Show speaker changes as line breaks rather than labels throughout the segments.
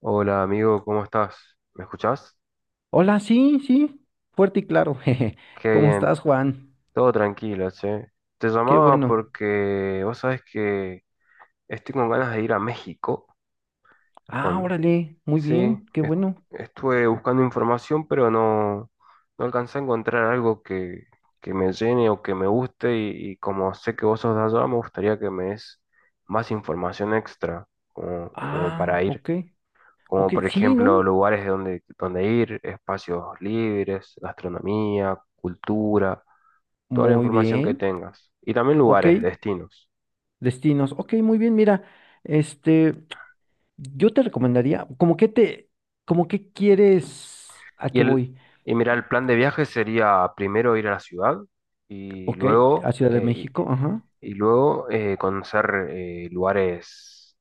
Hola amigo, ¿cómo estás? ¿Me escuchás?
Hola, sí, sí, fuerte y claro. jeje.
Qué
¿Cómo
bien,
estás, Juan?
todo tranquilo, che. Te
Qué
llamaba
bueno.
porque vos sabés que estoy con ganas de ir a México.
Ah,
Con...
órale, muy
Sí,
bien, qué bueno.
estuve buscando información, pero no, no alcancé a encontrar algo que me llene o que me guste y como sé que vos sos de allá, me gustaría que me des más información extra como
Ah,
para ir.
ok,
Como
ok,
por
sí,
ejemplo
¿no?
lugares de donde ir, espacios libres, gastronomía, cultura, toda la
Muy
información que
bien,
tengas. Y también
ok,
lugares, destinos.
destinos, ok, muy bien, mira, este, yo te recomendaría, como que quieres, ¿a
Y,
qué
el,
voy?
y mira, el plan de viaje sería primero ir a la ciudad y
Ok, a
luego,
Ciudad de México, ajá.
y luego conocer lugares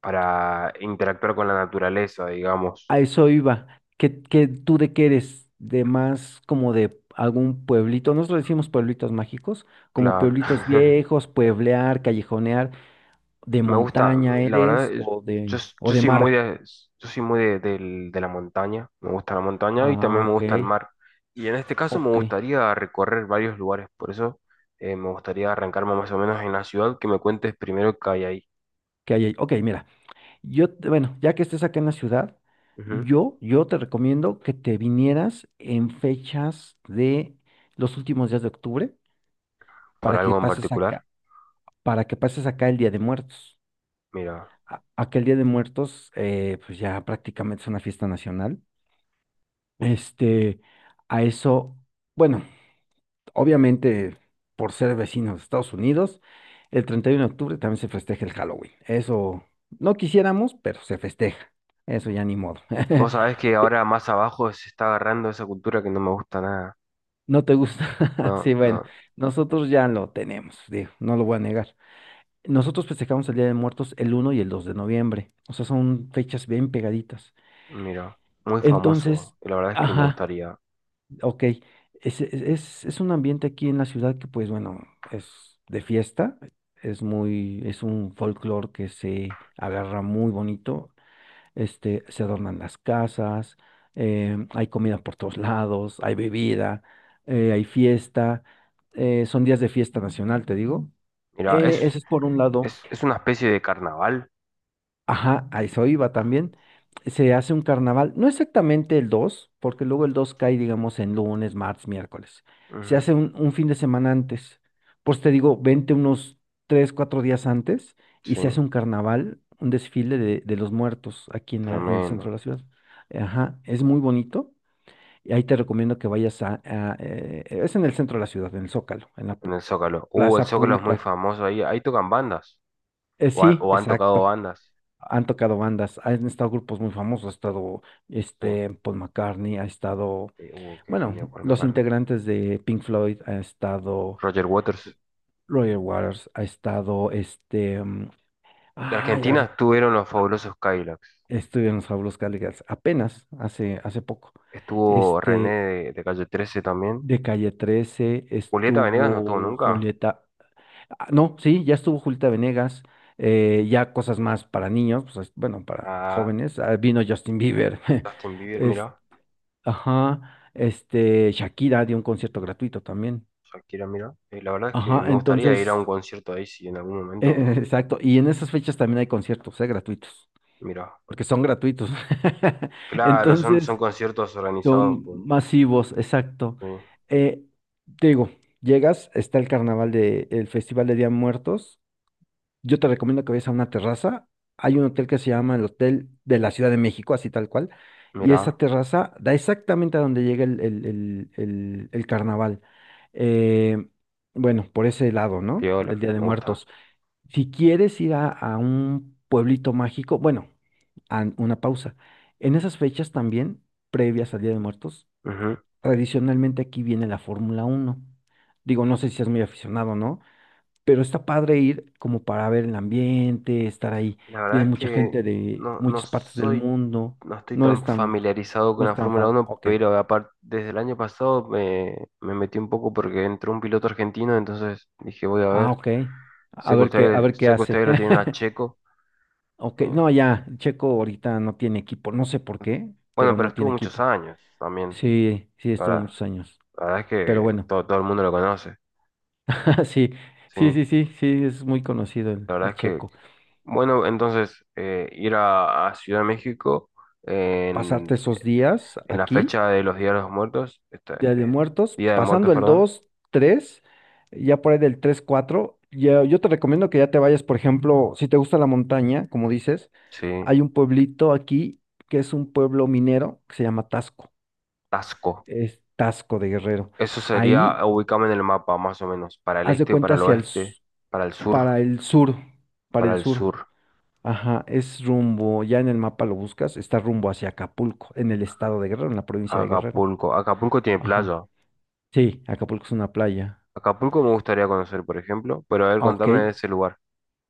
para interactuar con la naturaleza, digamos.
A eso iba. ¿Qué, tú de qué eres? ¿De más como de algún pueblito? Nosotros decimos pueblitos mágicos, como
Claro.
pueblitos viejos, pueblear, callejonear. ¿De
Me gusta,
montaña
la verdad,
eres o
yo,
de,
s-
o
yo
de
soy muy
mar?
de, yo soy muy de de la montaña, me gusta la montaña y
Ah,
también me
ok,
gusta el mar. Y en este caso me
ok.
gustaría recorrer varios lugares, por eso me gustaría arrancarme más o menos en la ciudad, que me cuentes primero qué hay ahí.
¿Qué hay ahí? Ok, mira. Bueno, ya que estés acá en la ciudad,
Ujú.
yo te recomiendo que te vinieras en fechas de los últimos días de octubre
¿Por
para que
algo en
pases acá,
particular?
para que pases acá el Día de Muertos.
Mira,
Aquel Día de Muertos, pues ya prácticamente es una fiesta nacional. Este, a eso, bueno, obviamente por ser vecinos de Estados Unidos, el 31 de octubre también se festeja el Halloween. Eso no quisiéramos, pero se festeja. Eso ya ni modo.
vos sabés que ahora más abajo se está agarrando esa cultura que no me gusta nada.
¿No te gusta?
No,
Sí, bueno,
no,
nosotros ya lo tenemos, digo, no lo voy a negar. Nosotros festejamos el Día de Muertos el 1 y el 2 de noviembre. O sea, son fechas bien pegaditas.
mira, muy famoso,
Entonces,
y la verdad es que me
ajá,
gustaría.
ok, es un ambiente aquí en la ciudad que, pues bueno, es de fiesta, es un folclore que se agarra muy bonito, se adornan las casas, hay comida por todos lados, hay bebida, hay fiesta, son días de fiesta nacional, te digo.
Mira,
Ese es por un lado.
es una especie de carnaval.
Ajá, a eso iba también. Se hace un carnaval, no exactamente el 2, porque luego el 2 cae, digamos, en lunes, martes, miércoles. Se
Ujú.
hace un fin de semana antes. Pues te digo, vente unos 3, 4 días antes y
Sí.
se hace un carnaval, un desfile de los muertos aquí en el centro
Tremendo.
de la ciudad. Ajá, es muy bonito. Y ahí te recomiendo que vayas es en el centro de la ciudad, en el Zócalo, en la
En el Zócalo. El
plaza
Zócalo es muy
pública.
famoso ahí. Ahí tocan bandas. O, han
Sí,
o han tocado
exacto.
bandas.
Han tocado bandas, han estado grupos muy famosos, ha estado
Sí.
Paul McCartney, ha estado,
Sí, uh, qué
bueno,
genio por
los
McCartney.
integrantes de Pink Floyd, ha estado
Roger Waters.
eh, Roger Waters, ha estado
De
ay,
Argentina
ahorita
estuvieron los fabulosos Cadillacs.
estuve en los Fabulos Cadillacs, apenas hace poco.
Estuvo René
Este
de Calle 13 también.
de Calle 13
Julieta Venegas no estuvo
estuvo
nunca.
Julieta, ah, no, sí, ya estuvo Julieta Venegas, ya cosas más para niños, pues, bueno, para
Ah,
jóvenes, ah, vino Justin Bieber.
Justin Bieber,
este,
mira.
Ajá, Shakira dio un concierto gratuito también.
Shakira, mira. La verdad es que
Ajá,
me gustaría ir a un
entonces,
concierto ahí si en algún momento.
exacto. Y en esas fechas también hay conciertos, gratuitos,
Mira.
porque son gratuitos.
Claro, son, son
Entonces,
conciertos organizados
son
por.
masivos, exacto.
Sí.
Eh, Te digo, llegas, está el carnaval el Festival de Día de Muertos. Yo te recomiendo que vayas a una terraza. Hay un hotel que se llama el Hotel de la Ciudad de México, así tal cual. Y esa
Mira.
terraza da exactamente a donde llega el carnaval. Eh, bueno, por ese lado, ¿no?
Piola,
El Día de
me gusta.
Muertos. Si quieres ir a un pueblito mágico, bueno, a una pausa. En esas fechas también, previas al Día de Muertos,
Ujú.
tradicionalmente aquí viene la Fórmula 1. Digo, no sé si es muy aficionado, ¿no? Pero está padre ir como para ver el ambiente, estar ahí.
La verdad
Viene
es
mucha
que
gente de
no, no
muchas partes del
soy,
mundo.
no estoy
No
tan
eres tan,
familiarizado
no
con
es
la
tan
Fórmula
fan.
Uno
Ok.
pero aparte, desde el año pasado me metí un poco porque entró un piloto argentino, entonces dije, voy a
Ah,
ver.
ok. A ver qué
Sé que
hace.
ustedes lo tienen a Checo.
Ok,
Eh,
no, ya, Checo ahorita no tiene equipo. No sé por qué,
bueno,
pero
pero
no
estuvo
tiene
muchos
equipo.
años también.
Sí, sí, estuvo
Para,
muchos años.
la verdad es
Pero
que
bueno,
todo, todo el mundo lo conoce,
sí,
¿sí?
sí, sí, sí, sí, es muy conocido el,
La verdad es
el
que,
Checo.
bueno, entonces ir a Ciudad de México,
Pasarte
en
esos días
En la
aquí.
fecha de los Días de los Muertos,
Día de Muertos,
Día de Muertos,
pasando el
perdón,
dos tres ya por ahí del 3, 4, yo te recomiendo que ya te vayas, por ejemplo, si te gusta la montaña, como dices,
sí,
hay un pueblito aquí que es un pueblo minero que se llama Tasco,
Tasco.
es Tasco de Guerrero.
Eso
Ahí,
sería, ubícame en el mapa, más o menos, para el
haz de
este, para
cuenta
el
hacia
oeste, para el sur,
para el sur, para
para
el
el
sur,
sur.
ajá, es rumbo, ya en el mapa lo buscas, está rumbo hacia Acapulco, en el estado de Guerrero, en la provincia de Guerrero,
Acapulco. Acapulco tiene
ajá.
playa.
Sí, Acapulco es una playa.
Acapulco me gustaría conocer, por ejemplo, pero a ver,
Ah, ok,
contame de ese lugar.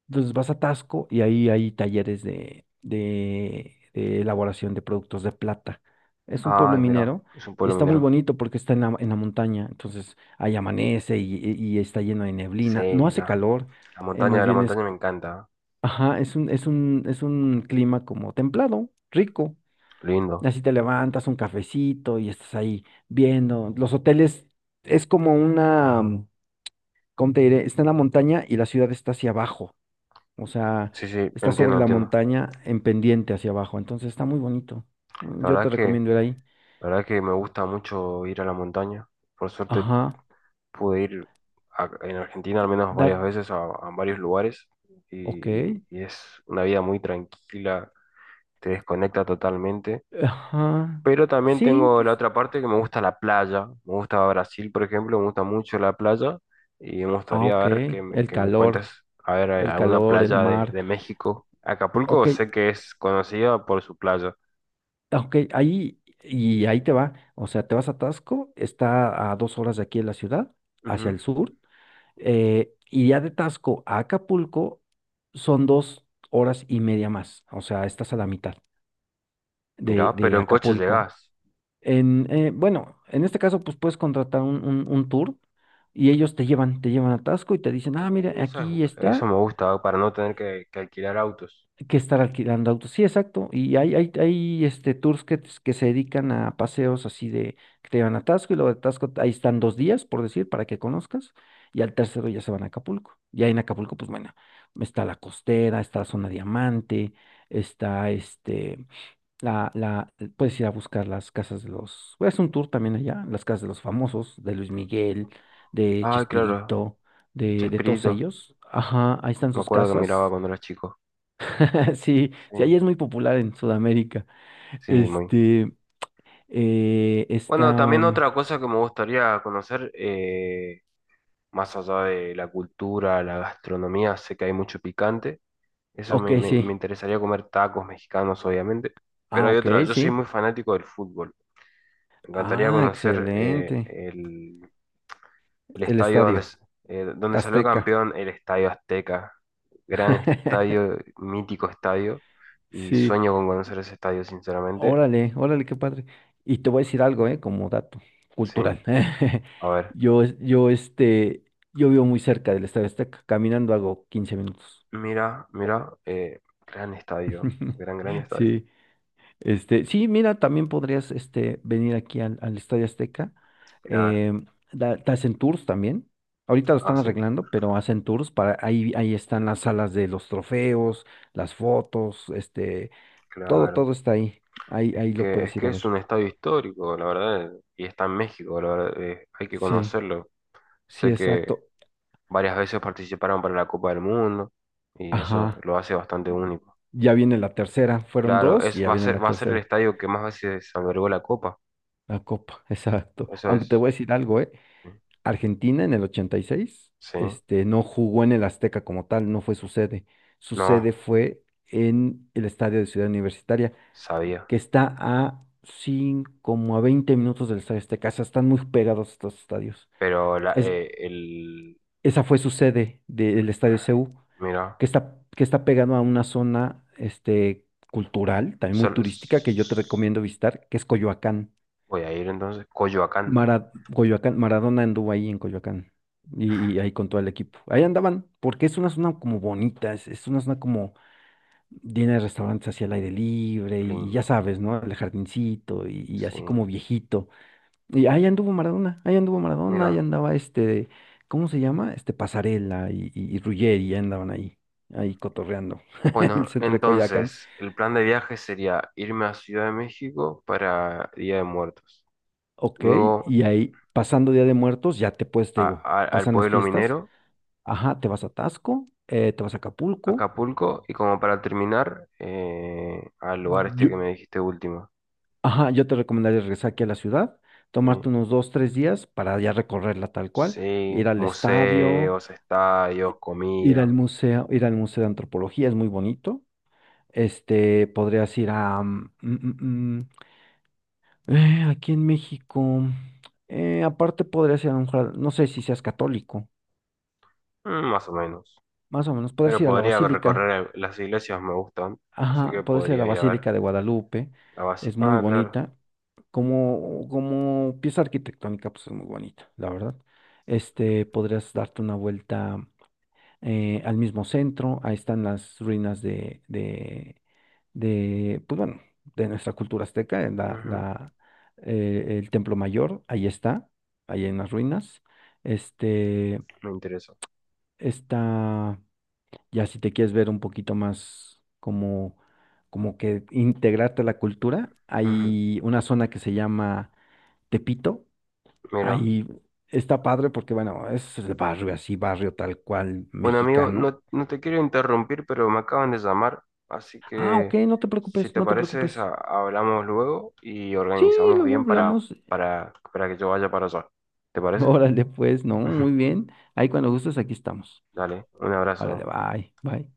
entonces vas a Tasco y ahí hay talleres de elaboración de productos de plata. Es un pueblo
Ay, mira,
minero.
es un pueblo
Está muy
minero.
bonito porque está en la montaña. Entonces ahí amanece y está lleno de neblina. No
Sí,
hace calor. Más
la
bien
montaña me encanta.
ajá, es un clima como templado, rico.
Lindo.
Así te levantas un cafecito y estás ahí viendo. Los hoteles es como una, ¿cómo te diré? Está en la montaña y la ciudad está hacia abajo. O sea,
Sí, sí,
está
entiendo,
sobre la
entiendo.
montaña en pendiente hacia abajo. Entonces está muy bonito.
La
Yo
verdad es
te
que,
recomiendo ir ahí.
la verdad es que me gusta mucho ir a la montaña. Por suerte
Ajá.
pude ir en Argentina al menos varias
That.
veces a varios lugares
Ok.
y es una vida muy tranquila, te desconecta totalmente.
Ajá.
Pero también
Sí,
tengo la
pues.
otra parte que me gusta la playa, me gusta Brasil, por ejemplo, me gusta mucho la playa y me
Ah,
gustaría
ok.
ver que
El
que me cuentes,
calor.
a ver,
El
alguna
calor, el
playa
mar.
de México. Acapulco
Ok.
sé que es conocida por su playa.
Ok. Ahí. Y ahí te va. O sea, te vas a Tasco. Está a 2 horas de aquí de la ciudad, hacia
Ujú.
el sur. Y ya de Tasco a Acapulco son 2 horas y media más. O sea, estás a la mitad
Mirá,
de,
pero
de
en coche
Acapulco.
llegás.
Bueno, en este caso, pues puedes contratar un tour y ellos te llevan a Tasco y te dicen, ah, mira,
Uy, eso es-
aquí
eso
está,
me gusta, para no tener que alquilar autos.
hay que estar alquilando autos. Sí, exacto. Y hay tours que se dedican a paseos así de que te llevan a Tasco y luego de Tasco ahí están 2 días, por decir, para que conozcas. Y al tercero ya se van a Acapulco. Y ahí en Acapulco, pues bueno, está la costera, está la zona diamante, está. Puedes ir a buscar las casas de los. Voy a hacer un tour también allá, las casas de los famosos, de Luis Miguel, de
Ah, claro,
Chespirito, de todos
Chespirito,
ellos. Ajá, ahí están
me
sus
acuerdo que miraba
casas.
cuando era chico.
Sí,
Sí,
sí, ahí es muy popular en Sudamérica.
sí, muy.
Este, eh,
Bueno,
está.
también
Mm,
otra cosa que me gustaría conocer, más allá de la cultura, la gastronomía, sé que hay mucho picante.
ok,
Me
sí.
interesaría comer tacos mexicanos, obviamente. Pero
Ah,
hay
ok,
otra, yo soy
sí.
muy fanático del fútbol. Me encantaría
Ah,
conocer
excelente.
el
El
estadio
Estadio
donde salió
Azteca.
campeón, el Estadio Azteca. Gran estadio, mítico estadio. Y
Sí,
sueño con conocer ese estadio, sinceramente.
órale, órale, qué padre. Y te voy a decir algo, ¿eh? Como dato
Sí,
cultural.
a ver,
Yo, es- yo, este, yo vivo muy cerca del Estadio Azteca, caminando hago 15 minutos.
gran estadio, gran estadio.
Sí, sí, mira, también podrías, venir aquí al Estadio Azteca.
Claro,
Em, te hacen tours también. Ahorita lo
ah,
están
sí,
arreglando, pero hacen tours ahí están las salas de los trofeos, las fotos, todo,
claro.
todo está ahí. Ahí,
Es
ahí lo
que, es
puedes ir
que
a
es
ver.
un estadio histórico, la verdad, y está en México, la verdad, hay que
Sí.
conocerlo.
Sí,
Sé que
exacto.
varias veces participaron para la Copa del Mundo y eso
Ajá.
lo hace bastante único.
Ya viene la tercera. Fueron
Claro,
dos
es,
y ya viene la
va a ser el
tercera.
estadio que más veces albergó la Copa.
La Copa, exacto.
Eso
Aunque te
es,
voy a decir algo, ¿eh?
sí,
Argentina en el 86,
sí.
no jugó en el Azteca como tal, no fue su sede. Su
No,
sede fue en el estadio de Ciudad Universitaria,
sabía.
que está a 5, como a 20 minutos del Estadio Azteca. O sea, están muy pegados estos estadios.
Pero la,
Es,
eh, el,
Esa fue su sede del Estadio CU,
mira.
que está pegado a una zona cultural, también muy
Solo,
turística, que yo te recomiendo visitar, que es Coyoacán.
voy a ir entonces. Coyoacán.
Coyoacán, Maradona anduvo ahí en Coyoacán y ahí con todo el equipo. Ahí andaban, porque es una zona como bonita, es una zona como llena de restaurantes hacia el aire libre
Qué
y ya
lindo.
sabes, ¿no? El jardincito y
Sí.
así como viejito. Y ahí anduvo Maradona, ahí anduvo Maradona, ahí
Mira.
andaba ¿cómo se llama? Este Pasarela y Ruggeri, ya andaban ahí, cotorreando en el
Bueno,
centro de Coyoacán.
entonces, el plan de viaje sería irme a Ciudad de México para Día de Muertos.
Ok,
Luego
y ahí pasando Día de Muertos, ya te puedes, te digo,
al
pasan las
pueblo
fiestas,
minero,
ajá, te vas a Taxco, te vas a Acapulco.
Acapulco. Y como para terminar, al lugar este
Yo,
que me dijiste último.
ajá, yo te recomendaría regresar aquí a la ciudad, tomarte
Sí.
unos 2, 3 días para ya recorrerla tal cual, ir
Sí,
al estadio,
museos, estadios,
i-
comida.
ir al Museo de Antropología, es muy bonito. Podrías ir a... mm, mm, mm, aquí en México. Aparte podrías ir. No sé si seas católico,
Mm, más o menos.
más o menos. Podrías
Pero
ir a la
podría
Basílica.
recorrer las iglesias, me gustan. Así
Ajá,
que
podrías ir a la
podría ir a ver
Basílica de Guadalupe.
la
Es muy
básica. Ah, claro.
bonita. Como pieza arquitectónica, pues es muy bonita, la verdad. Podrías darte una vuelta al mismo centro. Ahí están las ruinas pues bueno, de nuestra cultura azteca, en la,
Ujú.
la, eh, el Templo Mayor, ahí está, ahí en las ruinas. Este,
Me interesa.
está, ya si te quieres ver un poquito más como que integrarte a la cultura,
Ujú.
hay una zona que se llama Tepito,
Mira.
ahí está padre porque, bueno, es el barrio así, barrio tal cual
Bueno, amigo,
mexicano.
no, no te quiero interrumpir, pero me acaban de llamar, así
Ah, ok,
que
no te
si
preocupes,
te
no te
parece,
preocupes.
hablamos luego y
Sí,
organizamos
luego
bien
hablamos.
para que yo vaya para allá. ¿Te parece?
Órale, pues, no, muy bien. Ahí cuando gustes, aquí estamos.
Dale, un
Órale,
abrazo.
bye, bye.